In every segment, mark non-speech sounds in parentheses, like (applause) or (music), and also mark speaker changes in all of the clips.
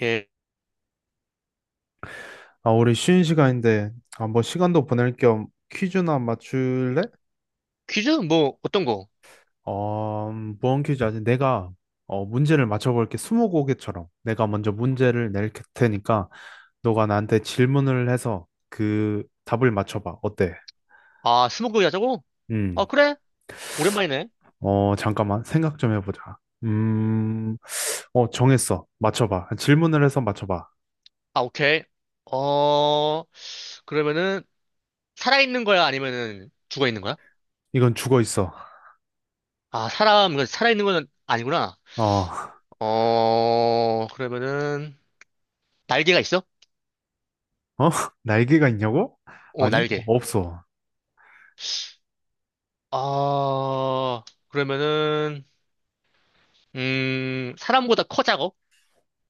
Speaker 1: 예.
Speaker 2: 아, 우리 쉬는 시간인데, 한번 시간도 보낼 겸 퀴즈나 맞출래?
Speaker 1: 퀴즈? 뭐, 어떤 거?
Speaker 2: 어, 무언 퀴즈 아직 내가 어, 문제를 맞춰볼게. 스무고개처럼 내가 먼저 문제를 낼 테니까 너가 나한테 질문을 해서 그 답을 맞춰봐. 어때?
Speaker 1: 아, 스무고개 하자고? 아,
Speaker 2: 음,
Speaker 1: 그래? 오랜만이네.
Speaker 2: 어, 잠깐만 생각 좀 해보자. 음, 어, 정했어. 맞춰봐. 질문을 해서 맞춰봐.
Speaker 1: 아, 오케이. 어, 그러면은, 살아있는 거야? 아니면은, 죽어있는 거야?
Speaker 2: 이건 죽어 있어.
Speaker 1: 아, 사람, 이거 살아있는 건 아니구나.
Speaker 2: 어, (laughs)
Speaker 1: 어, 그러면은, 날개가 있어?
Speaker 2: 어? 날개가 있냐고?
Speaker 1: 어,
Speaker 2: 아니,
Speaker 1: 날개.
Speaker 2: 없어.
Speaker 1: 아, 그러면은, 사람보다 커, 작어?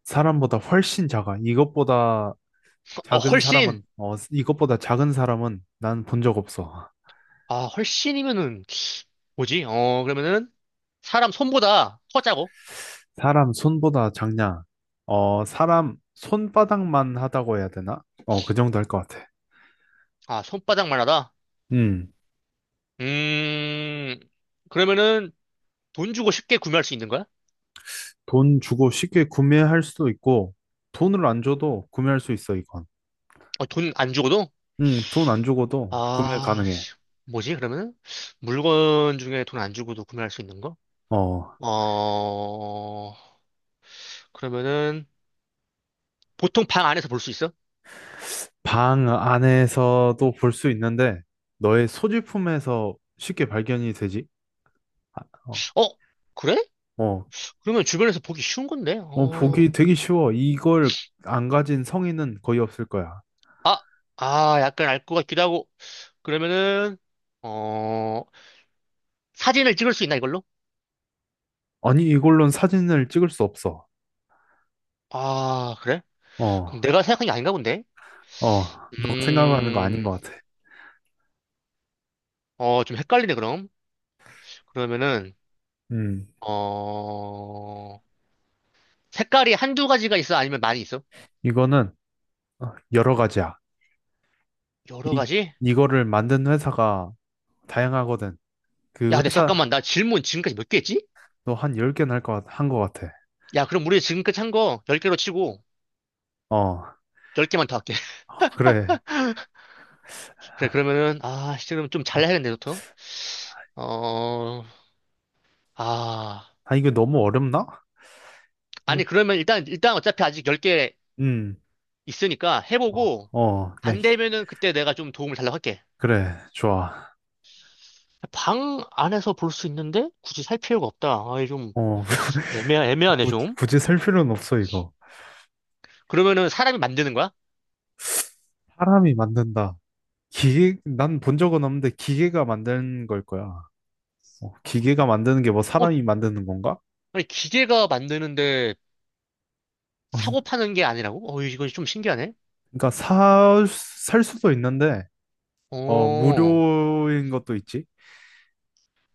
Speaker 2: 사람보다 훨씬 작아. 이것보다
Speaker 1: 어,
Speaker 2: 작은
Speaker 1: 훨씬!
Speaker 2: 사람은, 어, 이것보다 작은 사람은 난 본 적 없어.
Speaker 1: 아, 훨씬이면은, 뭐지? 어, 그러면은, 사람 손보다 커, 작어?
Speaker 2: 사람 손보다 작냐? 어, 사람 손바닥만 하다고 해야 되나? 어, 그 정도 할 것 같아.
Speaker 1: 아, 손바닥만 하다?
Speaker 2: 음,
Speaker 1: 음, 그러면은 돈 주고 쉽게 구매할 수 있는 거야?
Speaker 2: 돈 주고 쉽게 구매할 수도 있고, 돈을 안 줘도 구매할 수 있어, 이건.
Speaker 1: 어, 돈 안 주고도?
Speaker 2: 돈 안 주고도 구매
Speaker 1: 아,
Speaker 2: 가능해.
Speaker 1: 씨, 뭐지, 그러면은? 물건 중에 돈 안 주고도 구매할 수 있는 거?
Speaker 2: 어,
Speaker 1: 어, 그러면은 보통 방 안에서 볼 수 있어?
Speaker 2: 방 안에서도 볼 수 있는데, 너의 소지품에서 쉽게 발견이 되지? 아, 어,
Speaker 1: 어, 그래?
Speaker 2: 어,
Speaker 1: 그러면 주변에서 보기 쉬운 건데?
Speaker 2: 어, 보기
Speaker 1: 어,
Speaker 2: 되게 쉬워. 이걸 안 가진 성인은 거의 없을 거야.
Speaker 1: 아, 아, 약간 알 것 같기도 하고. 그러면은, 어, 사진을 찍을 수 있나, 이걸로?
Speaker 2: 아니, 이걸로는 사진을 찍을 수 없어.
Speaker 1: 아, 그래? 그럼
Speaker 2: 어,
Speaker 1: 내가 생각한 게 아닌가 본데?
Speaker 2: 어, 너가 생각하는 거 아닌 것
Speaker 1: 음,
Speaker 2: 같아.
Speaker 1: 어, 좀 헷갈리네, 그럼. 그러면은,
Speaker 2: 음,
Speaker 1: 어, 색깔이 한두 가지가 있어? 아니면 많이 있어?
Speaker 2: 이거는 어, 여러 가지야.
Speaker 1: 여러
Speaker 2: 이,
Speaker 1: 가지?
Speaker 2: 이거를 만든 회사가 다양하거든.
Speaker 1: 야,
Speaker 2: 그
Speaker 1: 근데
Speaker 2: 회사도
Speaker 1: 잠깐만. 나 질문 지금까지 몇 개 했지?
Speaker 2: 한 10개는 한것 같아.
Speaker 1: 야, 그럼 우리 지금까지 한 거 10개로 치고,
Speaker 2: 어,
Speaker 1: 10개만 더 할게. (laughs)
Speaker 2: 그래.
Speaker 1: 그래, 그러면은, 아, 지금 좀
Speaker 2: 아,
Speaker 1: 잘해야겠네, 너부터. 어, 아.
Speaker 2: 아, 이거 너무 어렵나? 이거,
Speaker 1: 아니, 그러면 일단 어차피 아직 10개
Speaker 2: 음,
Speaker 1: 있으니까
Speaker 2: 어,
Speaker 1: 해보고,
Speaker 2: 어, 네.
Speaker 1: 안 되면은 그때 내가 좀 도움을 달라고 할게.
Speaker 2: 그래, 좋아.
Speaker 1: 방 안에서 볼 수 있는데, 굳이 살 필요가 없다. 아이, 좀,
Speaker 2: 어,
Speaker 1: 애매,
Speaker 2: (laughs)
Speaker 1: 애매하네,
Speaker 2: 굳이,
Speaker 1: 좀.
Speaker 2: 굳이 셀 필요는 없어, 이거.
Speaker 1: 그러면은 사람이 만드는 거야?
Speaker 2: 사람이 만든다. 기계, 난 본 적은 없는데 기계가 만든 걸 거야. 어, 기계가 만드는 게 뭐
Speaker 1: 어?
Speaker 2: 사람이 만드는 건가?
Speaker 1: 아니, 기계가 만드는데
Speaker 2: (laughs) 어,
Speaker 1: 사고 파는 게 아니라고? 어, 이거 좀 신기하네?
Speaker 2: 그러니까 사, 살 수도 있는데, 어,
Speaker 1: 어,
Speaker 2: 무료인 것도 있지.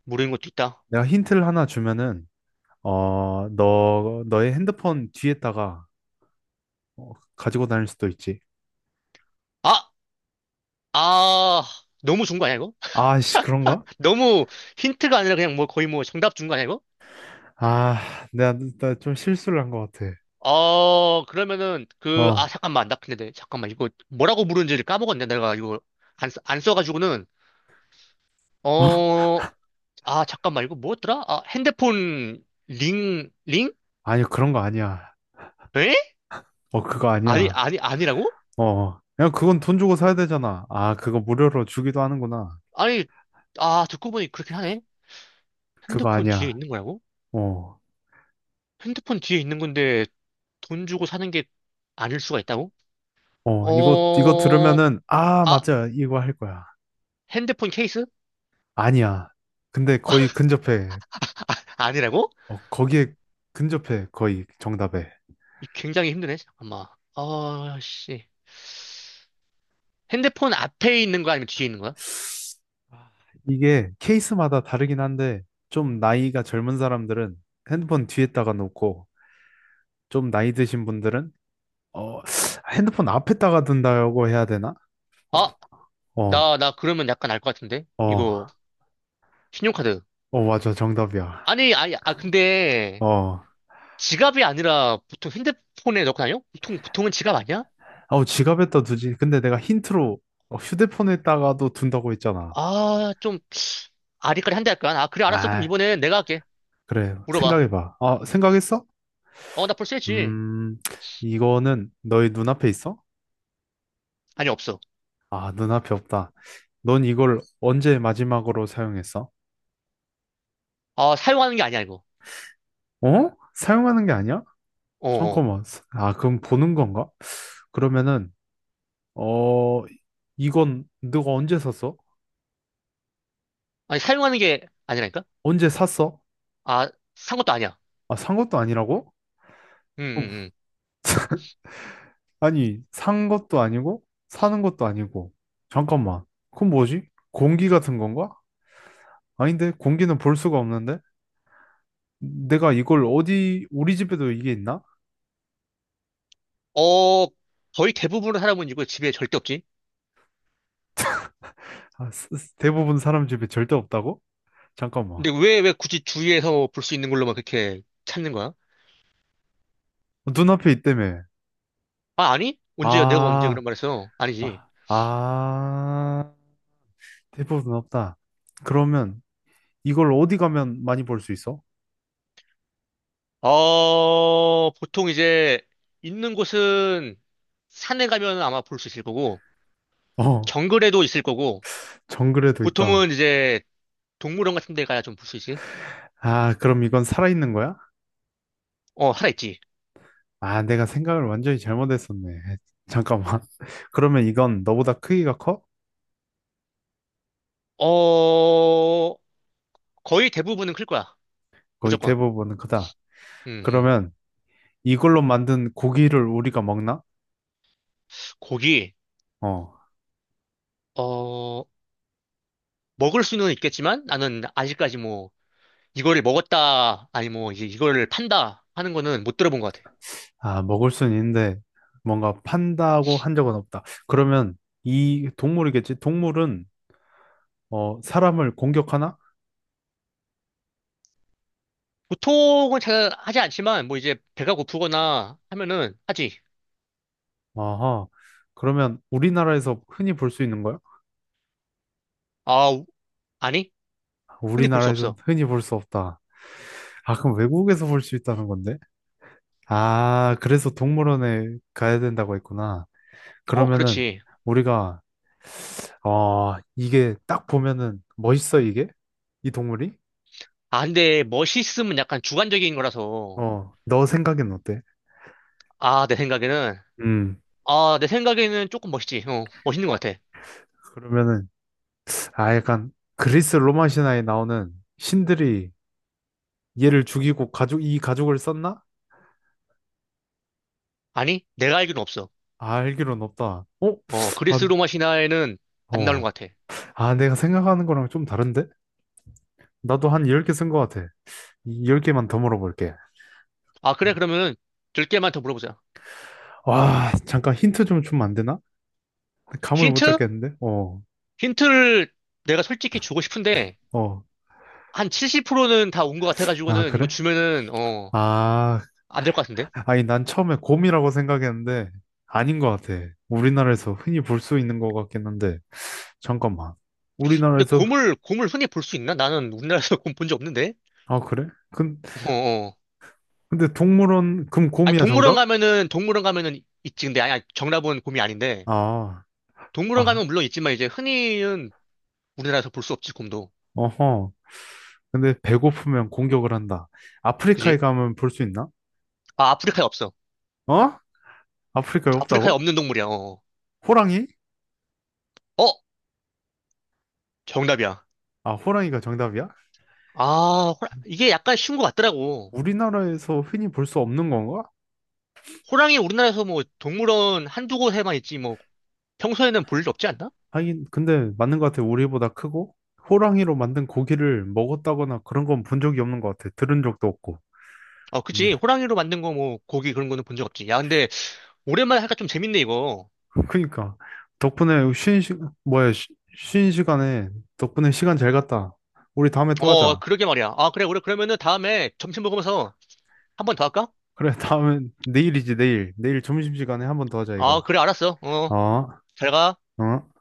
Speaker 1: 모르는 것도 있다.
Speaker 2: 내가 힌트를 하나 주면은, 어, 너의 핸드폰 뒤에다가 어, 가지고 다닐 수도 있지.
Speaker 1: 아, 아, 너무 준 거 아니야, 이거?
Speaker 2: 아씨, 그런가?
Speaker 1: (laughs) 너무 힌트가 아니라 그냥 뭐 거의 뭐 정답 준 거 아니야, 이거?
Speaker 2: 아, 내가, 나 좀 실수를 한 것 같아.
Speaker 1: 어, 그러면은
Speaker 2: 어,
Speaker 1: 그, 아,
Speaker 2: 어,
Speaker 1: 잠깐만. 나 근데, 잠깐만. 이거 뭐라고 부르는지를 까먹었네. 내가 이거 안, 안 써가지고는. 어, 아, 잠깐만. 이거 뭐였더라? 아, 핸드폰 링, 링?
Speaker 2: 아니, 그런 거 아니야.
Speaker 1: 에?
Speaker 2: 어, 그거
Speaker 1: 아니,
Speaker 2: 아니야.
Speaker 1: 아니, 아니라고?
Speaker 2: 어, 어. 그냥 그건 돈 주고 사야 되잖아. 아, 그거 무료로 주기도 하는구나.
Speaker 1: 아니, 아, 듣고 보니 그렇긴 하네.
Speaker 2: 그거
Speaker 1: 핸드폰 뒤에
Speaker 2: 아니야.
Speaker 1: 있는 거라고?
Speaker 2: 어,
Speaker 1: 핸드폰 뒤에 있는 건데 돈 주고 사는 게 아닐 수가 있다고?
Speaker 2: 어, 이거
Speaker 1: 어,
Speaker 2: 들으면은, 아,
Speaker 1: 아,
Speaker 2: 맞아. 이거 할 거야.
Speaker 1: 핸드폰 케이스?
Speaker 2: 아니야. 근데 거의 근접해.
Speaker 1: 아니라고?
Speaker 2: 어, 거기에 근접해. 거의 정답에.
Speaker 1: 굉장히 힘드네, 잠깐만. 아, 씨. 핸드폰 앞에 있는 거 아니면 뒤에 있는 거야?
Speaker 2: 아, 이게 케이스마다 다르긴 한데, 좀 나이가 젊은 사람들은 핸드폰 뒤에다가 놓고, 좀 나이 드신 분들은, 어, 핸드폰 앞에다가 둔다고 해야 되나? 어,
Speaker 1: 아,
Speaker 2: 어,
Speaker 1: 나 그러면 약간 알 것 같은데?
Speaker 2: 어,
Speaker 1: 이거, 신용카드.
Speaker 2: 어, 맞아. 정답이야.
Speaker 1: 아니, 아니, 아, 근데
Speaker 2: 어.
Speaker 1: 지갑이 아니라 보통 핸드폰에 넣고 다녀? 보통은 지갑 아니야?
Speaker 2: 아우 지갑에다 두지. 근데 내가 힌트로 어, 휴대폰에다가도 둔다고 했잖아.
Speaker 1: 아, 좀 아리까리 한데 할까? 아, 그래, 알았어. 그럼
Speaker 2: 아,
Speaker 1: 이번엔 내가 할게.
Speaker 2: 그래.
Speaker 1: 물어봐.
Speaker 2: 생각해봐. 아, 생각했어?
Speaker 1: 어, 나 벌써 했지.
Speaker 2: 음, 이거는 너의 눈앞에 있어?
Speaker 1: 아니, 없어.
Speaker 2: 아, 눈앞에 없다. 넌 이걸 언제 마지막으로 사용했어?
Speaker 1: 아, 사용하는 게 아니야, 이거.
Speaker 2: 어? 사용하는 게 아니야?
Speaker 1: 어, 어.
Speaker 2: 잠깐만. 아, 그럼 보는 건가? 그러면은, 어, 이건 너가 언제 샀어?
Speaker 1: 아니, 사용하는 게 아니라니까?
Speaker 2: 언제 샀어?
Speaker 1: 아, 산 것도 아니야.
Speaker 2: 아, 산 것도 아니라고?
Speaker 1: 음,
Speaker 2: 어,
Speaker 1: 음, 음.
Speaker 2: 아니, 산 것도 아니고, 사는 것도 아니고. 잠깐만. 그건 뭐지? 공기 같은 건가? 아닌데, 공기는 볼 수가 없는데? 내가 이걸 어디, 우리 집에도 이게 있나?
Speaker 1: 어, 거의 대부분의 사람은 이거 집에 절대 없지.
Speaker 2: 아, 대부분 사람 집에 절대 없다고? 잠깐만.
Speaker 1: 근데 왜 굳이 주위에서 볼 수 있는 걸로만 그렇게 찾는 거야?
Speaker 2: 눈앞에 있다며.
Speaker 1: 아, 아니? 언제, 내가 언제
Speaker 2: 아,
Speaker 1: 그런 말 했어? 아니지.
Speaker 2: 아, 아. 대부분 없다. 그러면 이걸 어디 가면 많이 볼 수 있어?
Speaker 1: 어, 보통 이제 있는 곳은 산에 가면 아마 볼 수 있을 거고,
Speaker 2: 어,
Speaker 1: 정글에도 있을 거고,
Speaker 2: 정글에도
Speaker 1: 보통은
Speaker 2: 있다.
Speaker 1: 이제 동물원 같은 데 가야 좀 볼 수 있지.
Speaker 2: 아, 그럼 이건 살아있는 거야?
Speaker 1: 어, 하나 있지.
Speaker 2: 아, 내가 생각을 완전히 잘못했었네. (laughs) 잠깐만. (laughs) 그러면 이건 너보다 크기가 커?
Speaker 1: 어, 거의 대부분은 클 거야.
Speaker 2: 거의
Speaker 1: 무조건.
Speaker 2: 대부분은 크다.
Speaker 1: 음, 음.
Speaker 2: 그러면 이걸로 만든 고기를 우리가 먹나?
Speaker 1: 고기,
Speaker 2: 어.
Speaker 1: 어, 먹을 수는 있겠지만 나는 아직까지 뭐 이거를 먹었다, 아니 뭐 이제 이거를 판다 하는 거는 못 들어본 것 같아.
Speaker 2: 아, 먹을 순 있는데 뭔가 판다고 한 적은 없다. 그러면 이 동물이겠지? 동물은 어, 사람을 공격하나?
Speaker 1: 보통은 잘 하지 않지만 뭐 이제 배가 고프거나 하면은 하지.
Speaker 2: 어허. 그러면 우리나라에서 흔히 볼 수 있는 거야?
Speaker 1: 아, 아니? 흔히 볼 수
Speaker 2: 우리나라에서는
Speaker 1: 없어.
Speaker 2: 흔히 볼 수 없다. 아, 그럼 외국에서 볼 수 있다는 건데? 아, 그래서 동물원에 가야 된다고 했구나.
Speaker 1: 어,
Speaker 2: 그러면은
Speaker 1: 그렇지.
Speaker 2: 우리가 어, 이게 딱 보면은 멋있어. 이게 이 동물이,
Speaker 1: 아, 근데 멋있음은 약간 주관적인 거라서.
Speaker 2: 어, 너 생각엔 어때?
Speaker 1: 아, 내 생각에는.
Speaker 2: 음,
Speaker 1: 아, 내 생각에는 조금 멋있지. 어, 멋있는 것 같아.
Speaker 2: 그러면은 아, 약간 그리스 로마 신화에 나오는 신들이 얘를 죽이고 가족을 썼나?
Speaker 1: 아니? 내가 알기로는 없어.
Speaker 2: 아, 알기론 없다. 어?
Speaker 1: 어, 그리스
Speaker 2: 아,
Speaker 1: 로마 신화에는 안 나오는
Speaker 2: 어.
Speaker 1: 것 같아.
Speaker 2: 아, 내가 생각하는 거랑 좀 다른데? 나도 한 10개 쓴 거 같아. 10개만 더 물어볼게.
Speaker 1: 아, 그래, 그러면은 깨개만 더 물어보자.
Speaker 2: 와, 잠깐 힌트 좀 주면 안 되나? 감을 못
Speaker 1: 힌트?
Speaker 2: 잡겠는데? 어,
Speaker 1: 힌트를 내가 솔직히 주고 싶은데,
Speaker 2: 어.
Speaker 1: 한 70%는 다 온 것
Speaker 2: 아,
Speaker 1: 같아가지고는 이거
Speaker 2: 그래?
Speaker 1: 주면은, 어,
Speaker 2: 아,
Speaker 1: 안 될 것 같은데?
Speaker 2: 아니, 난 처음에 곰이라고 생각했는데, 아닌 것 같아. 우리나라에서 흔히 볼 수 있는 것 같긴 한데, 잠깐만.
Speaker 1: 근데
Speaker 2: 우리나라에서,
Speaker 1: 곰을 흔히 볼 수 있나? 나는 우리나라에서 (laughs) 곰 본 적 없는데?
Speaker 2: 아, 그래? 근,
Speaker 1: 어, 어.
Speaker 2: 근데 동물원, 그럼
Speaker 1: 아니,
Speaker 2: 곰이야,
Speaker 1: 동물원
Speaker 2: 정답?
Speaker 1: 가면은, 동물원 가면은 있지. 근데, 아니, 아니, 정답은 곰이 아닌데.
Speaker 2: 아,
Speaker 1: 동물원
Speaker 2: 아,
Speaker 1: 가면 물론 있지만, 이제 흔히는 우리나라에서 볼 수 없지, 곰도.
Speaker 2: 어허. 근데 배고프면 공격을 한다. 아프리카에
Speaker 1: 그지?
Speaker 2: 가면 볼 수 있나?
Speaker 1: 아, 아프리카에 없어.
Speaker 2: 어? 아프리카에
Speaker 1: 아프리카에
Speaker 2: 없다고?
Speaker 1: 없는 동물이야, 어.
Speaker 2: 호랑이?
Speaker 1: 어? 정답이야.
Speaker 2: 아, 호랑이가 정답이야?
Speaker 1: 아, 이게 약간 쉬운 것 같더라고.
Speaker 2: 우리나라에서 흔히 볼 수 없는 건가?
Speaker 1: 호랑이 우리나라에서 뭐 동물원 한두 곳에만 있지, 뭐 평소에는 볼 일 없지 않나?
Speaker 2: 하긴 근데 맞는 것 같아. 우리보다 크고 호랑이로 만든 고기를 먹었다거나 그런 건 본 적이 없는 것 같아. 들은 적도 없고.
Speaker 1: 어,
Speaker 2: 음.
Speaker 1: 그치. 호랑이로 만든 거 뭐, 고기 그런 거는 본 적 없지. 야, 근데, 오랜만에 하니까 좀 재밌네, 이거.
Speaker 2: (laughs) 그러니까 덕분에 쉬는 시 뭐야 쉬, 쉬는 시간에 덕분에 시간 잘 갔다. 우리 다음에 또
Speaker 1: 어,
Speaker 2: 하자.
Speaker 1: 그러게 말이야. 아, 그래, 우리 그러면은 다음에 점심 먹으면서 한번 더 할까?
Speaker 2: 그래. (laughs) 다음에 내일이지, 내일. 내일 점심시간에 한번 더 하자, 이거.
Speaker 1: 아, 그래, 알았어. 어,
Speaker 2: 어?
Speaker 1: 잘 가.
Speaker 2: 어?